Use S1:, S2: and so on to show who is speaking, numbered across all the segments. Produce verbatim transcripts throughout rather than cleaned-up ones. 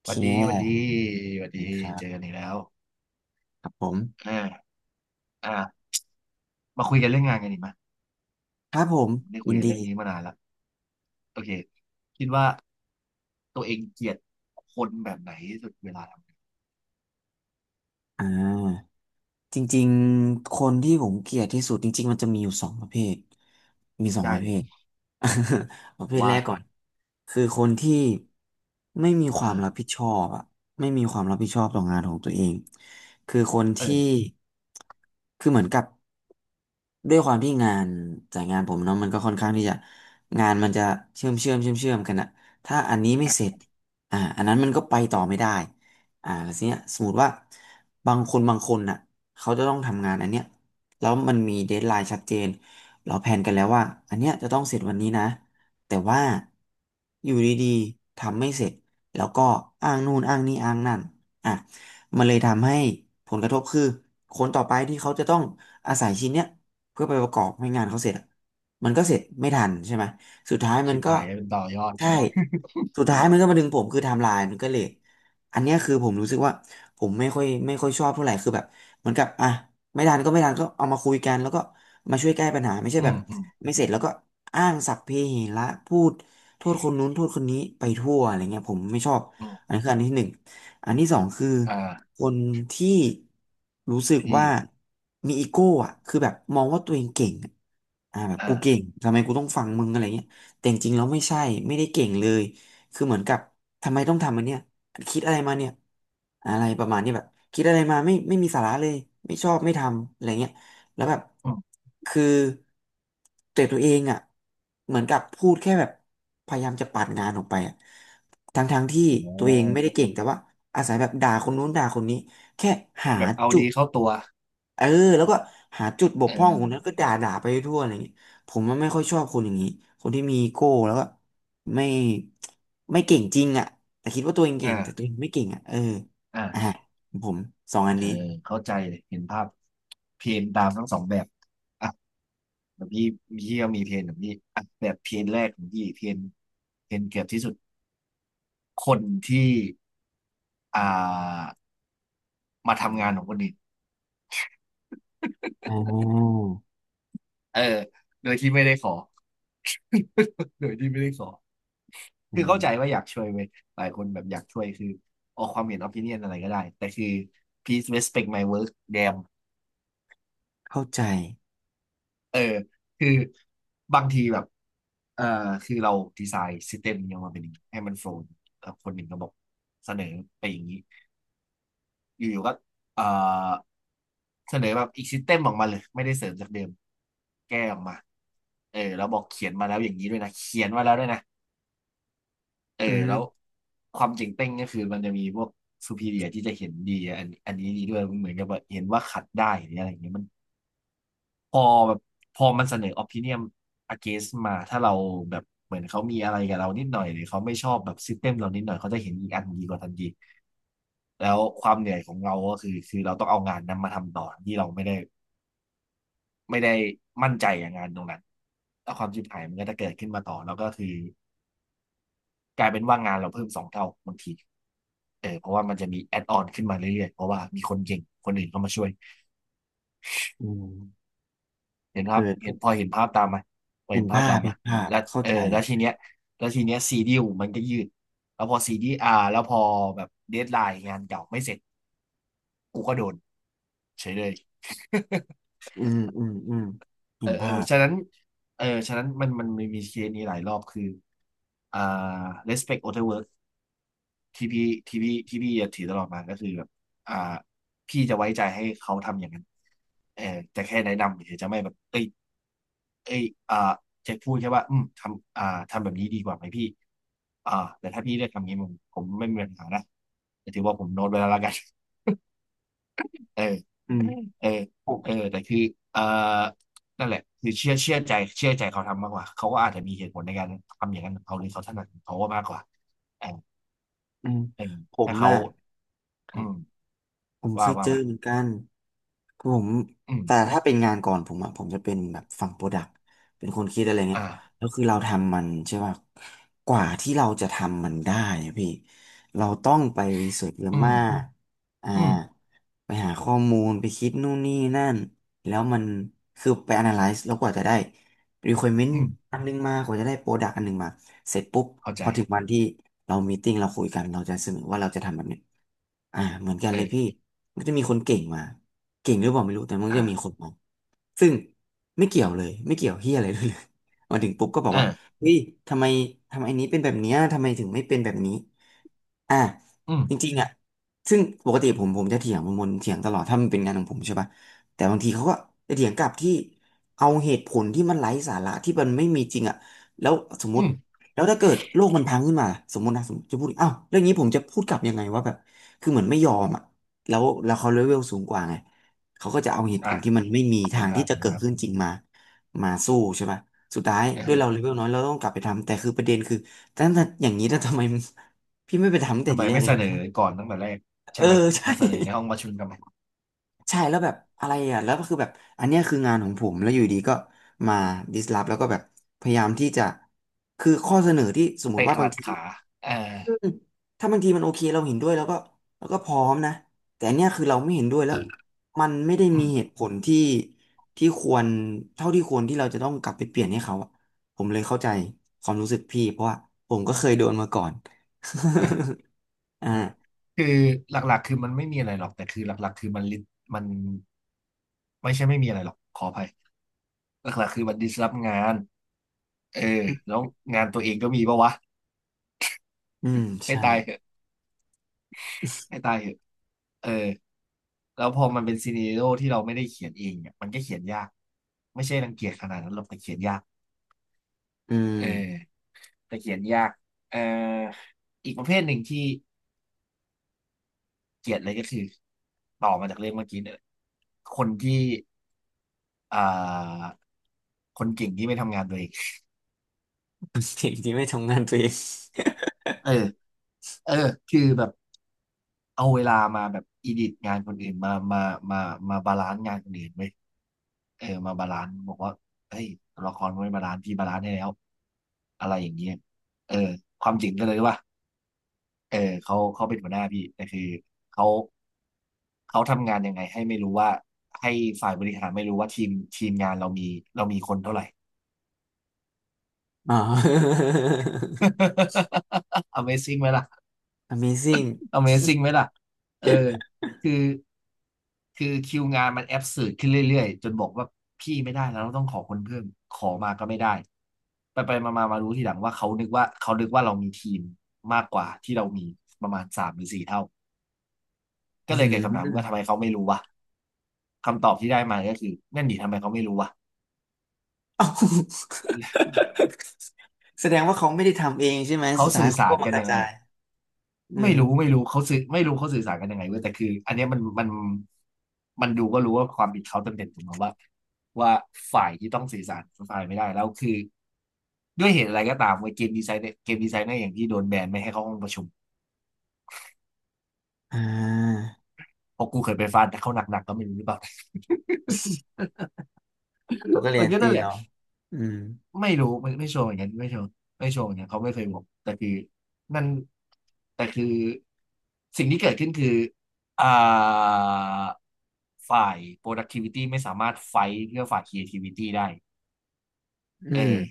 S1: โอเ
S2: หวัดดีหวัดดี
S1: ค
S2: หวัด
S1: ดี
S2: ดี
S1: ครั
S2: เจ
S1: บ
S2: อกันอีกแล้ว
S1: ครับผม
S2: อ่าอ่ามาคุยกันเรื่องงานกันดีไหม
S1: ครับผม
S2: ไม่ได้คุ
S1: ยิ
S2: ย
S1: น
S2: กัน
S1: ดี
S2: เรื่องนี้มานานละโอเคคิดว่าตัวเองเกลียดคนแบบไหนที่สุดเวลาทำงาน
S1: อ่าจริงๆคนที่ผมเกลียดที่สุดจริงๆมันจะมีอยู่สองประเภทมีสอง
S2: ได้
S1: ประเภ
S2: เลย
S1: ท ประเภทแร
S2: ว่า
S1: กก่อนคือคนที่ไม่มีควา
S2: อ่า
S1: มรับผิดชอบอะไม่มีความรับผิดชอบต่องานของตัวเองคือคน
S2: เออ
S1: ที่คือเหมือนกับ ด้วยความที่งานจากงานผมเนาะมันก็ค่อนข้างที่จะงานมันจะเชื่อมเชื่อมเชื่อมเชื่อมกันอะถ้าอันนี้ไม่เส
S2: อ่ะ
S1: ร็จอ่าอันนั้นมันก็ไปต่อไม่ได้อ่าแล้วทีเนี้ยสมมติว่าบางคนบางคนน่ะเขาจะต้องทำงานอันเนี้ยแล้วมันมีเดดไลน์ชัดเจนเราแผนกันแล้วว่าอันเนี้ยจะต้องเสร็จวันนี้นะแต่ว่าอยู่ดีๆทำไม่เสร็จแล้วก็อ้างนู่นอ้างนี่อ้างนั่นอ่ะมันเลยทำให้ผลกระทบคือคนต่อไปที่เขาจะต้องอาศัยชิ้นเนี้ย เพื่อไปประกอบให้งานเขาเสร็จอะมันก็เสร็จไม่ทันใช่ไหมสุดท้ายมั
S2: ชิ
S1: น
S2: บ
S1: ก็
S2: หายเป็นต่อยอด
S1: ใช่สุดท้ายมันก็มาดึงผมคือไทม์ไลน์มันก็เลทอันเนี้ยคือผมรู้สึกว่าผมไม่ค่อยไม่ค่อยชอบเท่าไหร่คือแบบเหมือนกับอ่ะไม่ทันก็ไม่ทันก็เอามาคุยกันแล้วก็มาช่วยแก้ปัญหาไม่ใช่
S2: อื
S1: แบบ
S2: มอืม
S1: ไม่เสร็จแล้วก็อ้างสรรพเพเหระพูดโทษคนนู้นโทษคนนี้ไปทั่วอะไรเงี้ยผมไม่ชอบ
S2: อืม
S1: อันนี้คืออันที่หนึ่ง อันที่สองคือ
S2: อ่า
S1: คนที่รู้สึก
S2: พี่
S1: ว่ามีอีโก้อ่ะคือแบบมองว่าตัวเองเก่งอะอ่าแบบ
S2: อ่า
S1: กูเก่งทำไมกูต้องฟังมึงอะไรเงี้ยแต่จริงๆแล้วไม่ใช่ไม่ได้เก่งเลยคือเหมือนกับทำไมต้องทำอันเนี้ยคิดอะไรมาเนี่ยอะไรประมาณเนี้ยแบบคิดอะไรมาไม่ไม่มีสาระเลยไม่ชอบไม่ทำอะไรเงี้ยแล้วแบบ
S2: อืม
S1: คือแต่ตัวเองอ่ะเหมือนกับพูดแค่แบบพยายามจะปัดงานออกไปอะ ทั้งทางที่
S2: อ่
S1: ตัวเองไม่
S2: า
S1: ได้เก่งแต่ว่าอาศัยแบบด่าคนนู้นด่าคนนี้แค่หา
S2: แบบเอา
S1: จุ
S2: ดี
S1: ด
S2: เข้าตัว
S1: เออแล้วก็หาจุดบก
S2: เอ
S1: พร่องของนั้น
S2: อ
S1: ก็ด่าด่าไปทั่วอะไรอย่างนี้ผมมันไม่ค่อยชอบคนอย่างนี้คนที่มีอีโก้แล้วก็ไม่ไม่เก่งจริงอ่ะแต่คิดว่าตัวเองเก่งแต่ตัว
S2: อ่า
S1: เองไม่เก่งอ่ะเออ
S2: อ่า
S1: อ่ะผมสองอัน
S2: เออ
S1: นี้
S2: เข้าใจเลยเห็นภาพเพนตามทั้งสองแบบ แล้วพี่พี่ก็มีเทรนของพี่อ่ะแบบเทรนแรกของพี่เทรนเทรนเกือบที่สุดคนที่อ่ามาทำงานของคนอื่น
S1: ออ
S2: เออโดยที่ไม่ได้ขอ โดยที่ไม่ได้ขอ
S1: อื
S2: คือ
S1: ม
S2: เข้าใจว่าอยากช่วยเว้ยหลายคนแบบอยากช่วยคือออกความเห็นอ p ิเนียนอะไรก็ได้ แต่คือ please respect my work damn
S1: เข้าใจ
S2: เออคือบางทีแบบเออคือเราดีไซน์ s ิ s เ e m มยังมาเป็นอย่างนี้ให้มันโฟล์แล้วคนหนึ่งก็บอกเสนอไปอย่างนี้ อยู่ๆก็เอ่อเสนอแบบอีกซิสเต็มออกมาเลยไม่ได้เสริมจากเดิมแก้ออกมาเออแล้วบอกเขียนมาแล้วอย่างนี้ด้วยนะเขียนมาแล้วด้วยนะเออ
S1: อื
S2: แล้ว
S1: ม
S2: ความเจ๋งเต้งก็คือมันจะมีพวก superior ที่จะเห็นดีอันอันนี้ดีด้วยเหมือนกับแบบเห็นว่าขัดได้หรืออะไรอย่างเงี้ยมัน พอแบบพอมันเสนอ opinion against มาถ้าเราแบบเหมือนเขามีอะไรกับเรานิดหน่อยหรือเขาไม่ชอบแบบ system เรานิดหน่อยเขาจะเห็นอีกอันดีกว่าทันทีแล้วความเหนื่อยของเราก็คือคือเราต้องเอางานนั้นมาทำต่อที่เราไม่ได้ไม่ได้มั่นใจอย่างงานตรงนั้นแล้วความชิบหายมันก็จะเกิดขึ้นมาต่อแล้วก็คือกลายเป็นว่างานเราเพิ่มสองเท่าบางทีเออเพราะว่ามันจะมี add on ขึ้นมาเรื่อยๆเพราะว่ามีคนเก่งคนอื่นเข้ามาช่วย
S1: อืม
S2: เห็น
S1: เอ
S2: ภาพเห็นพ
S1: อ
S2: อเห็นภาพตามไหมพอ
S1: เห็
S2: เห็
S1: น
S2: นภาพ
S1: ภา
S2: ตา
S1: พ
S2: มไหม
S1: เห็นภาพ
S2: แล้ว
S1: เข้า
S2: เออ
S1: ใจ
S2: แล้วทีเนี้ยแล้วทีเนี้ยซีดิวมันก็ยืดแล้วพอซีดีอาแล้วพอแบบเดดไลน์งานเก่าไม่เสร็จกูก็โดนเฉยเลย
S1: อืมอืมอืมเห็
S2: เออ
S1: น
S2: เออ
S1: ภาพ
S2: ฉะนั้นเออฉะนั้นมันมันมีเคสนี้หลายรอบคืออ่า respect other work ที่พี่ที่พี่ที่พี่จะถือตลอดมาก็คือแบบอ่าพี่จะไว้ใจให้เขาทำอย่างนั้นเออจะแค่แนะนำเฉยจะไม่แบบเอ้ยเอ้ยอ่าจะพูดแค่ว่าอืมทำอ่าทำแบบนี้ดีกว่าไหมพี่อ่าแต่ถ้าพี่เลือกทำนี้ผมผมไม่มีปัญหานะแต่ถือว่าผมโน้ตไว้แล้วละกัน เออ
S1: อืม
S2: เออเออแต่คือเออนั่นแหละคือเชื่อเชื่อใจเชื่อใจเขาทำมากกว่าเขาก็อาจจะมีเหตุผลในการทำอย่างนั้นของเขาหรือเขาถนัดของเขาก็มากกว่าเออ
S1: อืม
S2: เออ
S1: ผม
S2: ถ้าเขา
S1: อะครั
S2: อื
S1: บ
S2: ม
S1: ผมเค
S2: ว่า
S1: ย
S2: ว่า
S1: เจอ
S2: มา
S1: เหมือนกันคือผม
S2: อืม
S1: แต่ถ้าเป็นงานก่อนผมอะผมจะเป็นแบบฝั่งโปรดักต์เป็นคนคิดอะไรเนี้ย
S2: อ่า
S1: แล้วคือเราทำมันใช่ป่ะกว่าที่เราจะทำมันได้อะพี่เราต้องไปรีเสิร์ชเยอะ
S2: อืม
S1: มากอ่า
S2: อืม
S1: ไปหาข้อมูลไปคิดนู่นนี่นั่นแล้วมันคือไป analyze แล้วกว่าจะได้ requirement
S2: อืม
S1: อันนึงมากว่าจะได้โปรดักตอันนึงมาเสร็จปุ๊บ
S2: เข้า
S1: พ
S2: ใจ
S1: อถึงวันที่เรามีตติ้งเราคุยกันเราจะเสนอว่าเราจะทำแบบเนี้ยอ่าเหมือนกันเลยพี่
S2: เออ
S1: มันก็จะมีคนเก่งมาเก่งหรือเปล่าไม่รู้แต่มันก็จะมีค
S2: อ่า
S1: นมองซึ่งไม่เกี่ยวเลยไม่เกี่ยวเฮียอะไรด้วยเลย มาถึงปุ๊บก็บอก
S2: เอ
S1: ว่า
S2: อ
S1: เฮ้ยทำไมทำไมอันนี้เป็นแบบเนี้ยทำไมถึงไม่เป็นแบบนี้ อ่า
S2: อืม
S1: จริงๆอ่ะซึ่งปกติผมผมจะเถียงมนตเถียงตลอดถ้ามันเป็นงานของผมใช่ป่ะแต่บางทีเขาก็จะเถียงกลับที่เอาเหตุผลที่มันไร้สาระที่มันไม่มีจริงอ่ะแล้วสมม
S2: อื
S1: ติ
S2: ม
S1: แล้วถ้าเกิดโลกมันพังขึ้นมาสมมตินะสมมติจะพูดอ้าวเรื่องนี้ผมจะพูดกลับยังไงว่าแบบคือเหมือนไม่ยอมอ่ะแล้วแล้วเขาเลเวลสูงกว่าไงเขาก็จะเอาเหตุผ
S2: อ่า
S1: ลที่มันไม่มี
S2: เห็
S1: ทา
S2: น
S1: ง
S2: ภา
S1: ที่
S2: พ
S1: จะ
S2: เห็น
S1: เกิด
S2: ภาพ
S1: ขึ้นจริงมามาสู้ใช่ป่ะสุดท้าย
S2: เอ
S1: ด้วยเราเล
S2: อ
S1: เวลน้อยเราต้องกลับไปทำแต่คือประเด็นคือแต่ถ้าอย่างนี้แล้วทำไม พี่ไม่ไปทำตั้งแต่
S2: ทำไม
S1: ทีแรก
S2: ไม่
S1: เล
S2: เส
S1: ย
S2: นอก่อนตั้งแต่แรก
S1: เอ
S2: ใช่
S1: อ
S2: ไหม
S1: ใช่
S2: มา เสนอในห้องประชุมกันไหม
S1: ใช่แล้วแบบอะไรอ่ะแล้วก็คือแบบอันเนี้ยคืองานของผมแล้วอยู่ดีก็มาดิสล p แล้วก็แบบพยายามที่จะคือข้อเสนอที่สมมุติ
S2: เตะ
S1: ว่า
S2: ก
S1: บา
S2: ลั
S1: ง
S2: ด
S1: ที
S2: ขาเออ
S1: อืมถ้าบางทีมันโอเคเราเห็นด้วยแล้วก็แล้วก็พร้อมนะแต่อันเนี้ยคือเราไม่เห็นด้วยแล้วมันไม่ได้
S2: อื
S1: มี
S2: ม
S1: เหตุผลที่ที่ควรเท่าที่ควรที่เราจะต้องกลับไปเปลี่ยนให้เขาอะผมเลยเข้าใจความรู้สึกพี่เพราะว่าผมก็เคยโดนมาก่อน
S2: เออ
S1: อ่า
S2: เออ คือหลักๆคือมันไม่มีอะไรหรอกแต่คือหลักๆคือมันลิมันไม่ใช่ไม่มีอะไรหรอกขออภัยหลักๆคือมันดิสรับงานเออแล้วงานตัวเองก็มีปะวะ
S1: อืม
S2: ให้
S1: ใช่
S2: ตายเถอะให้ตายเถอะเออแล้วพอมันเป็นซีเนโร o ที่เราไม่ได้เขียนเองเนี่ยมันก็เขียนยากไม่ใช่รังเกียจขนาดนั้นหรอกแต่เขียนยาก
S1: อืม
S2: เออแต่เขียนยากเอ่ออีกประเภทหนึ่งที่เกลียดเลยก็คือต่อมาจากเรื่องเมื่อกี้เนี่ยคนที่อ่าคนเก่งที่ไม่ทำงานตัวเอง
S1: สิ่ที่ไม่ทำงานตัวเอง
S2: เออ เออคือแบบเอาเวลามาแบบอีดิทงานคนอื่นมามามามาบาลานซ์งานคนอื่นไว้ยเออมาบาลานซ์บอกว่าเฮ้ยตัวละครมันไม่บาลานซ์พี่บาลานซ์ให้แล้วอะไรอย่างเงี้ยเออความจริงก็เลยว่าเออเขาเขาเป็นหัวหน้าพี่แต่คือเขาเขาทำงานยังไงให้ไม่รู้ว่าให้ฝ่ายบริหารไม่รู้ว่าทีมทีมงานเรามีเรามีคนเท่าไหร่
S1: อ๋อ
S2: Amazing ไหมล่ะ
S1: Amazing
S2: Amazing ไหมล่ะเออคือคือคิวงานมันแอบสืดขึ้นเรื่อยๆ จนบอกว่าพี่ไม่ได้แล้วเราต้องขอคนเพิ่ม ขอมาก็ไม่ได้ ไปไปมามามารู้ทีหลังว่าเขานึกว่าเขานึกว่าเรามีทีมมากกว่าที่เรามีประมาณสามหรือสี่เท่า
S1: อื
S2: ก็เลยเกิดคำถามว่า
S1: ม
S2: ทำ ไมเขาไม่รู้วะคำตอบที่ได้มาก็คือนั่นดิทำไมเขาไม่รู้วะ
S1: เอ้าแสดงว่าเขาไม่ได้ทำเองใช่ไหม
S2: เขา
S1: สุดท้า
S2: สื่
S1: ย
S2: อ
S1: เขา
S2: สา
S1: ก็
S2: ร
S1: มา
S2: กัน
S1: กระ
S2: ยังไง
S1: จายอื
S2: ไม่
S1: ม
S2: รู้ไม่รู้เขาสื่อไม่รู้เขาสื่อสารกันยังไงเว้ยแต่คืออันเนี้ยมันมันมันดูก็รู้ว่าความผิดเขาเต็มๆถูกไหมว่าว่าฝ่ายที่ต้องสื่อสารฝ่ายไม่ได้แล้วคือด้วยเหตุอะไรก็ตามเว้ยเกมดีไซน์เกมดีไซน์เนี่ยอย่างที่โดนแบนไม่ให้เข้าห้องประชุม
S1: อ่า
S2: เพราะกูเคยไปฟาดเขาหนักๆก็ไม่รู้หรือเปล่า
S1: เขาก็
S2: เอ
S1: เรี
S2: อ
S1: ยน
S2: ก็
S1: ตี
S2: นั่นแหละ
S1: เราอืม
S2: ไม่รู้ไม่ไม่โชว์เหมือนกันไม่โชว์ไม่โชว์เหมือนกันเขาไม่เคยบอกแต่คือนั่นแต่คือสิ่งที่เกิดขึ้นคืออ่าฝ่าย productivity ไม่สามารถไฟท์เพื่อฝ่าย creativity ได้
S1: อื
S2: เอ
S1: ม
S2: อ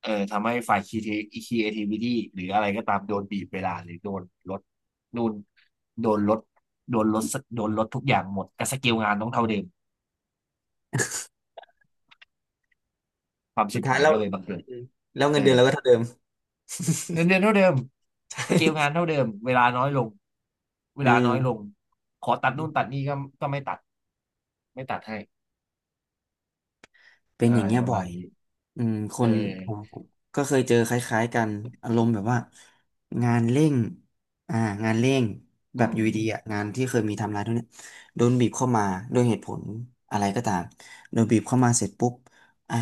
S2: เออทำให้ฝ่าย creati- creativity หรืออะไรก็ตามโดนบีบเวลาหรือโดนลดนู่นโดนลดโดนลดโดนลดทุกอย่างหมดแต่สกิลงานต้องเท่าเดิมความ
S1: สุ
S2: ชิ
S1: ด
S2: บ
S1: ท้าย
S2: หาย
S1: แล้ว
S2: ก็เลยบังเกิ
S1: อื
S2: ด
S1: มแล้วเงิ
S2: เอ
S1: นเดือ
S2: อ
S1: นเราก็เท่าเดิม
S2: เงินเดือนเท่าเดิมสเกลงาน เท่าเดิม เวลาน้อยลงเว
S1: อื
S2: ลาน้อยล
S1: ม
S2: งขอตัดนู่นตัดนี่ก็ก็ไม่ตัดไม่ตัดให้
S1: เป็น
S2: อะ
S1: อย่า
S2: ไร
S1: งเงี้ย
S2: ประ
S1: บ่อ
S2: มา
S1: ย
S2: ณนี้
S1: อืมค
S2: เออ
S1: นผมก็เคยเจอคล้ายๆกันอารมณ์แบบว่างานเร่งอ่างานเร่งแบ
S2: อื
S1: บอ
S2: ม
S1: ยู่ดีๆอ่ะงานที่เคยมีไทำลายทุกเนี้ยโดนบีบเข้ามาด้วยเหตุผลอะไรก็ตามโดนบีบเข้ามาเสร็จปุ๊บอ่ะ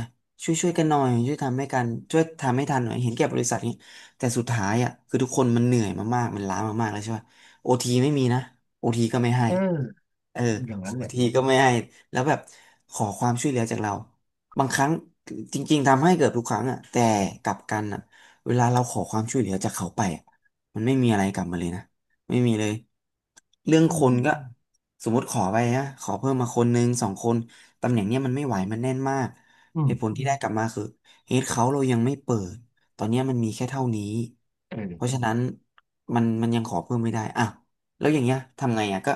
S1: ช่วยช่วยกันหน่อยช่วยทำให้กันช่วยทำให้ทันหน่อยเห็นแก่บริษัทนี้แต่สุดท้ายอ่ะคือทุกคนมันเหนื่อยมากๆมันล้ามากๆแล้วใช่ป่ะโอทีไม่มีนะโอทีก็ไม่ให้
S2: เออ
S1: เออ
S2: อย่างนั้น
S1: โอ
S2: แหละ
S1: ทีก็ไม่ให้แล้วแบบขอความช่วยเหลือจากเรา บางครั้งจริงๆทำให้เกือบทุกครั้งอ่ะแต่กลับกันอ่ะเวลาเราขอความช่วยเหลือจากเขาไปอะมันไม่มีอะไรกลับมาเลยนะไม่มีเลยเรื่อง
S2: อื
S1: คน
S2: ม
S1: ก็สมมติขอไปนะขอเพิ่มมาคนหนึ่งสองคนตำแหน่งเนี้ยมันไม่ไหวมันแน่นมาก
S2: อื
S1: เหตุผล
S2: ม
S1: ที่ได้กลับมาคือเฮดเขาเรายังไม่เปิดตอนเนี้ยมันมีแค่เท่านี้
S2: เอ
S1: เพราะฉะ
S2: อ
S1: นั้นมันมันยังขอเพิ่มไม่ได้อ่ะแล้วอย่างเงี้ยทำไงอ่ะก็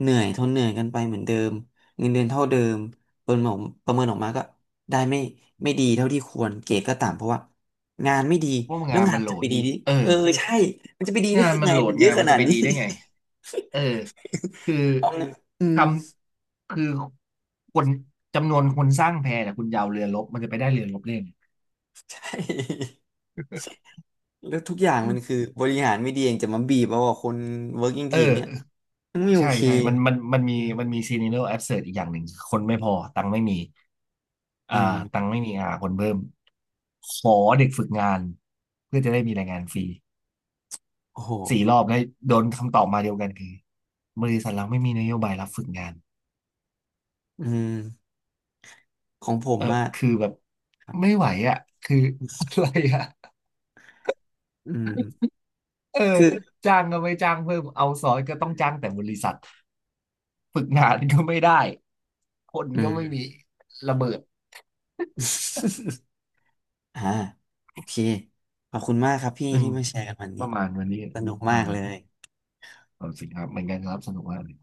S1: เหนื่อยทนเหนื่อยกันไปเหมือนเดิมเงินเดือนเท่าเดิมปเมิออกประเมินออกมาก็ ได้ไม่ไม่ดีเท่าที่ควรเกรดก็ต่ำเพราะว่างานไม่ดี
S2: เพวก
S1: แล้ว
S2: งาน
S1: งา
S2: มั
S1: น
S2: นโหล
S1: จะไป
S2: ด
S1: ดีดิ
S2: เอ
S1: เออ
S2: อ
S1: ใช่มันจะไปดีได้
S2: งาน
S1: ยัง
S2: มั
S1: ไง
S2: นโหล
S1: มั
S2: ด
S1: นเย
S2: งา
S1: อะ
S2: น
S1: ข
S2: มัน
S1: นา
S2: จะ
S1: ด
S2: ไป
S1: นี้
S2: ดีได้ไงเออคือ
S1: เอาเงินอื
S2: ท
S1: ม
S2: ำคือคนจำนวนคนสร้างแพแต่คุณยาวเรือรบมันจะไปได้เรือรบเล่น
S1: ใช่ แล้วทุกอย่างมันคือบริหารไม่ดีเองจะมาบีบเอาอะคน working
S2: เอ
S1: team เนี้ย
S2: อ
S1: มันไม่โอ
S2: ใช่
S1: เค
S2: ใช่ มันมันมันมีมันมีซีนิโนแอดเสิร์อีกอย่างหนึ่ง คนไม่พอตังค์ไม่มี
S1: อื
S2: อ่าตัง
S1: ม
S2: ค์ไม่มีอ่าคนเพิ่มขอเด็กฝึกงานเพื่อจะได้มีแรงงานฟรี
S1: โอ้โห
S2: สี่รอบแล้วโดนคำตอบมาเดียวกันคือบริษัทเราไม่มีนโยบายรับฝึกงาน
S1: อืมของผม
S2: เออ
S1: มาก
S2: คือแบบ
S1: ครับ
S2: ไม่ไหวอ่ะคือ อะไรอ่ะ
S1: อืม
S2: เออ
S1: คือ
S2: จ้างก็ไม่จ้างเพิ่มเอาซอยก็ต้องจ้างแต่บริษัทฝึกงานก็ไม่ได้คน
S1: อื
S2: ก็
S1: ม
S2: ไม่มีระเบิด
S1: อ่าโอเคขอบคุณมากครับพี่
S2: อืม
S1: ที่มาแชร์กันวัน
S2: ป
S1: นี้
S2: ระมาณวันนี้
S1: สนุก
S2: อื
S1: มาก
S2: ม
S1: เลย
S2: เอาจิงครับเหมือนกันครับสนุกมากเลย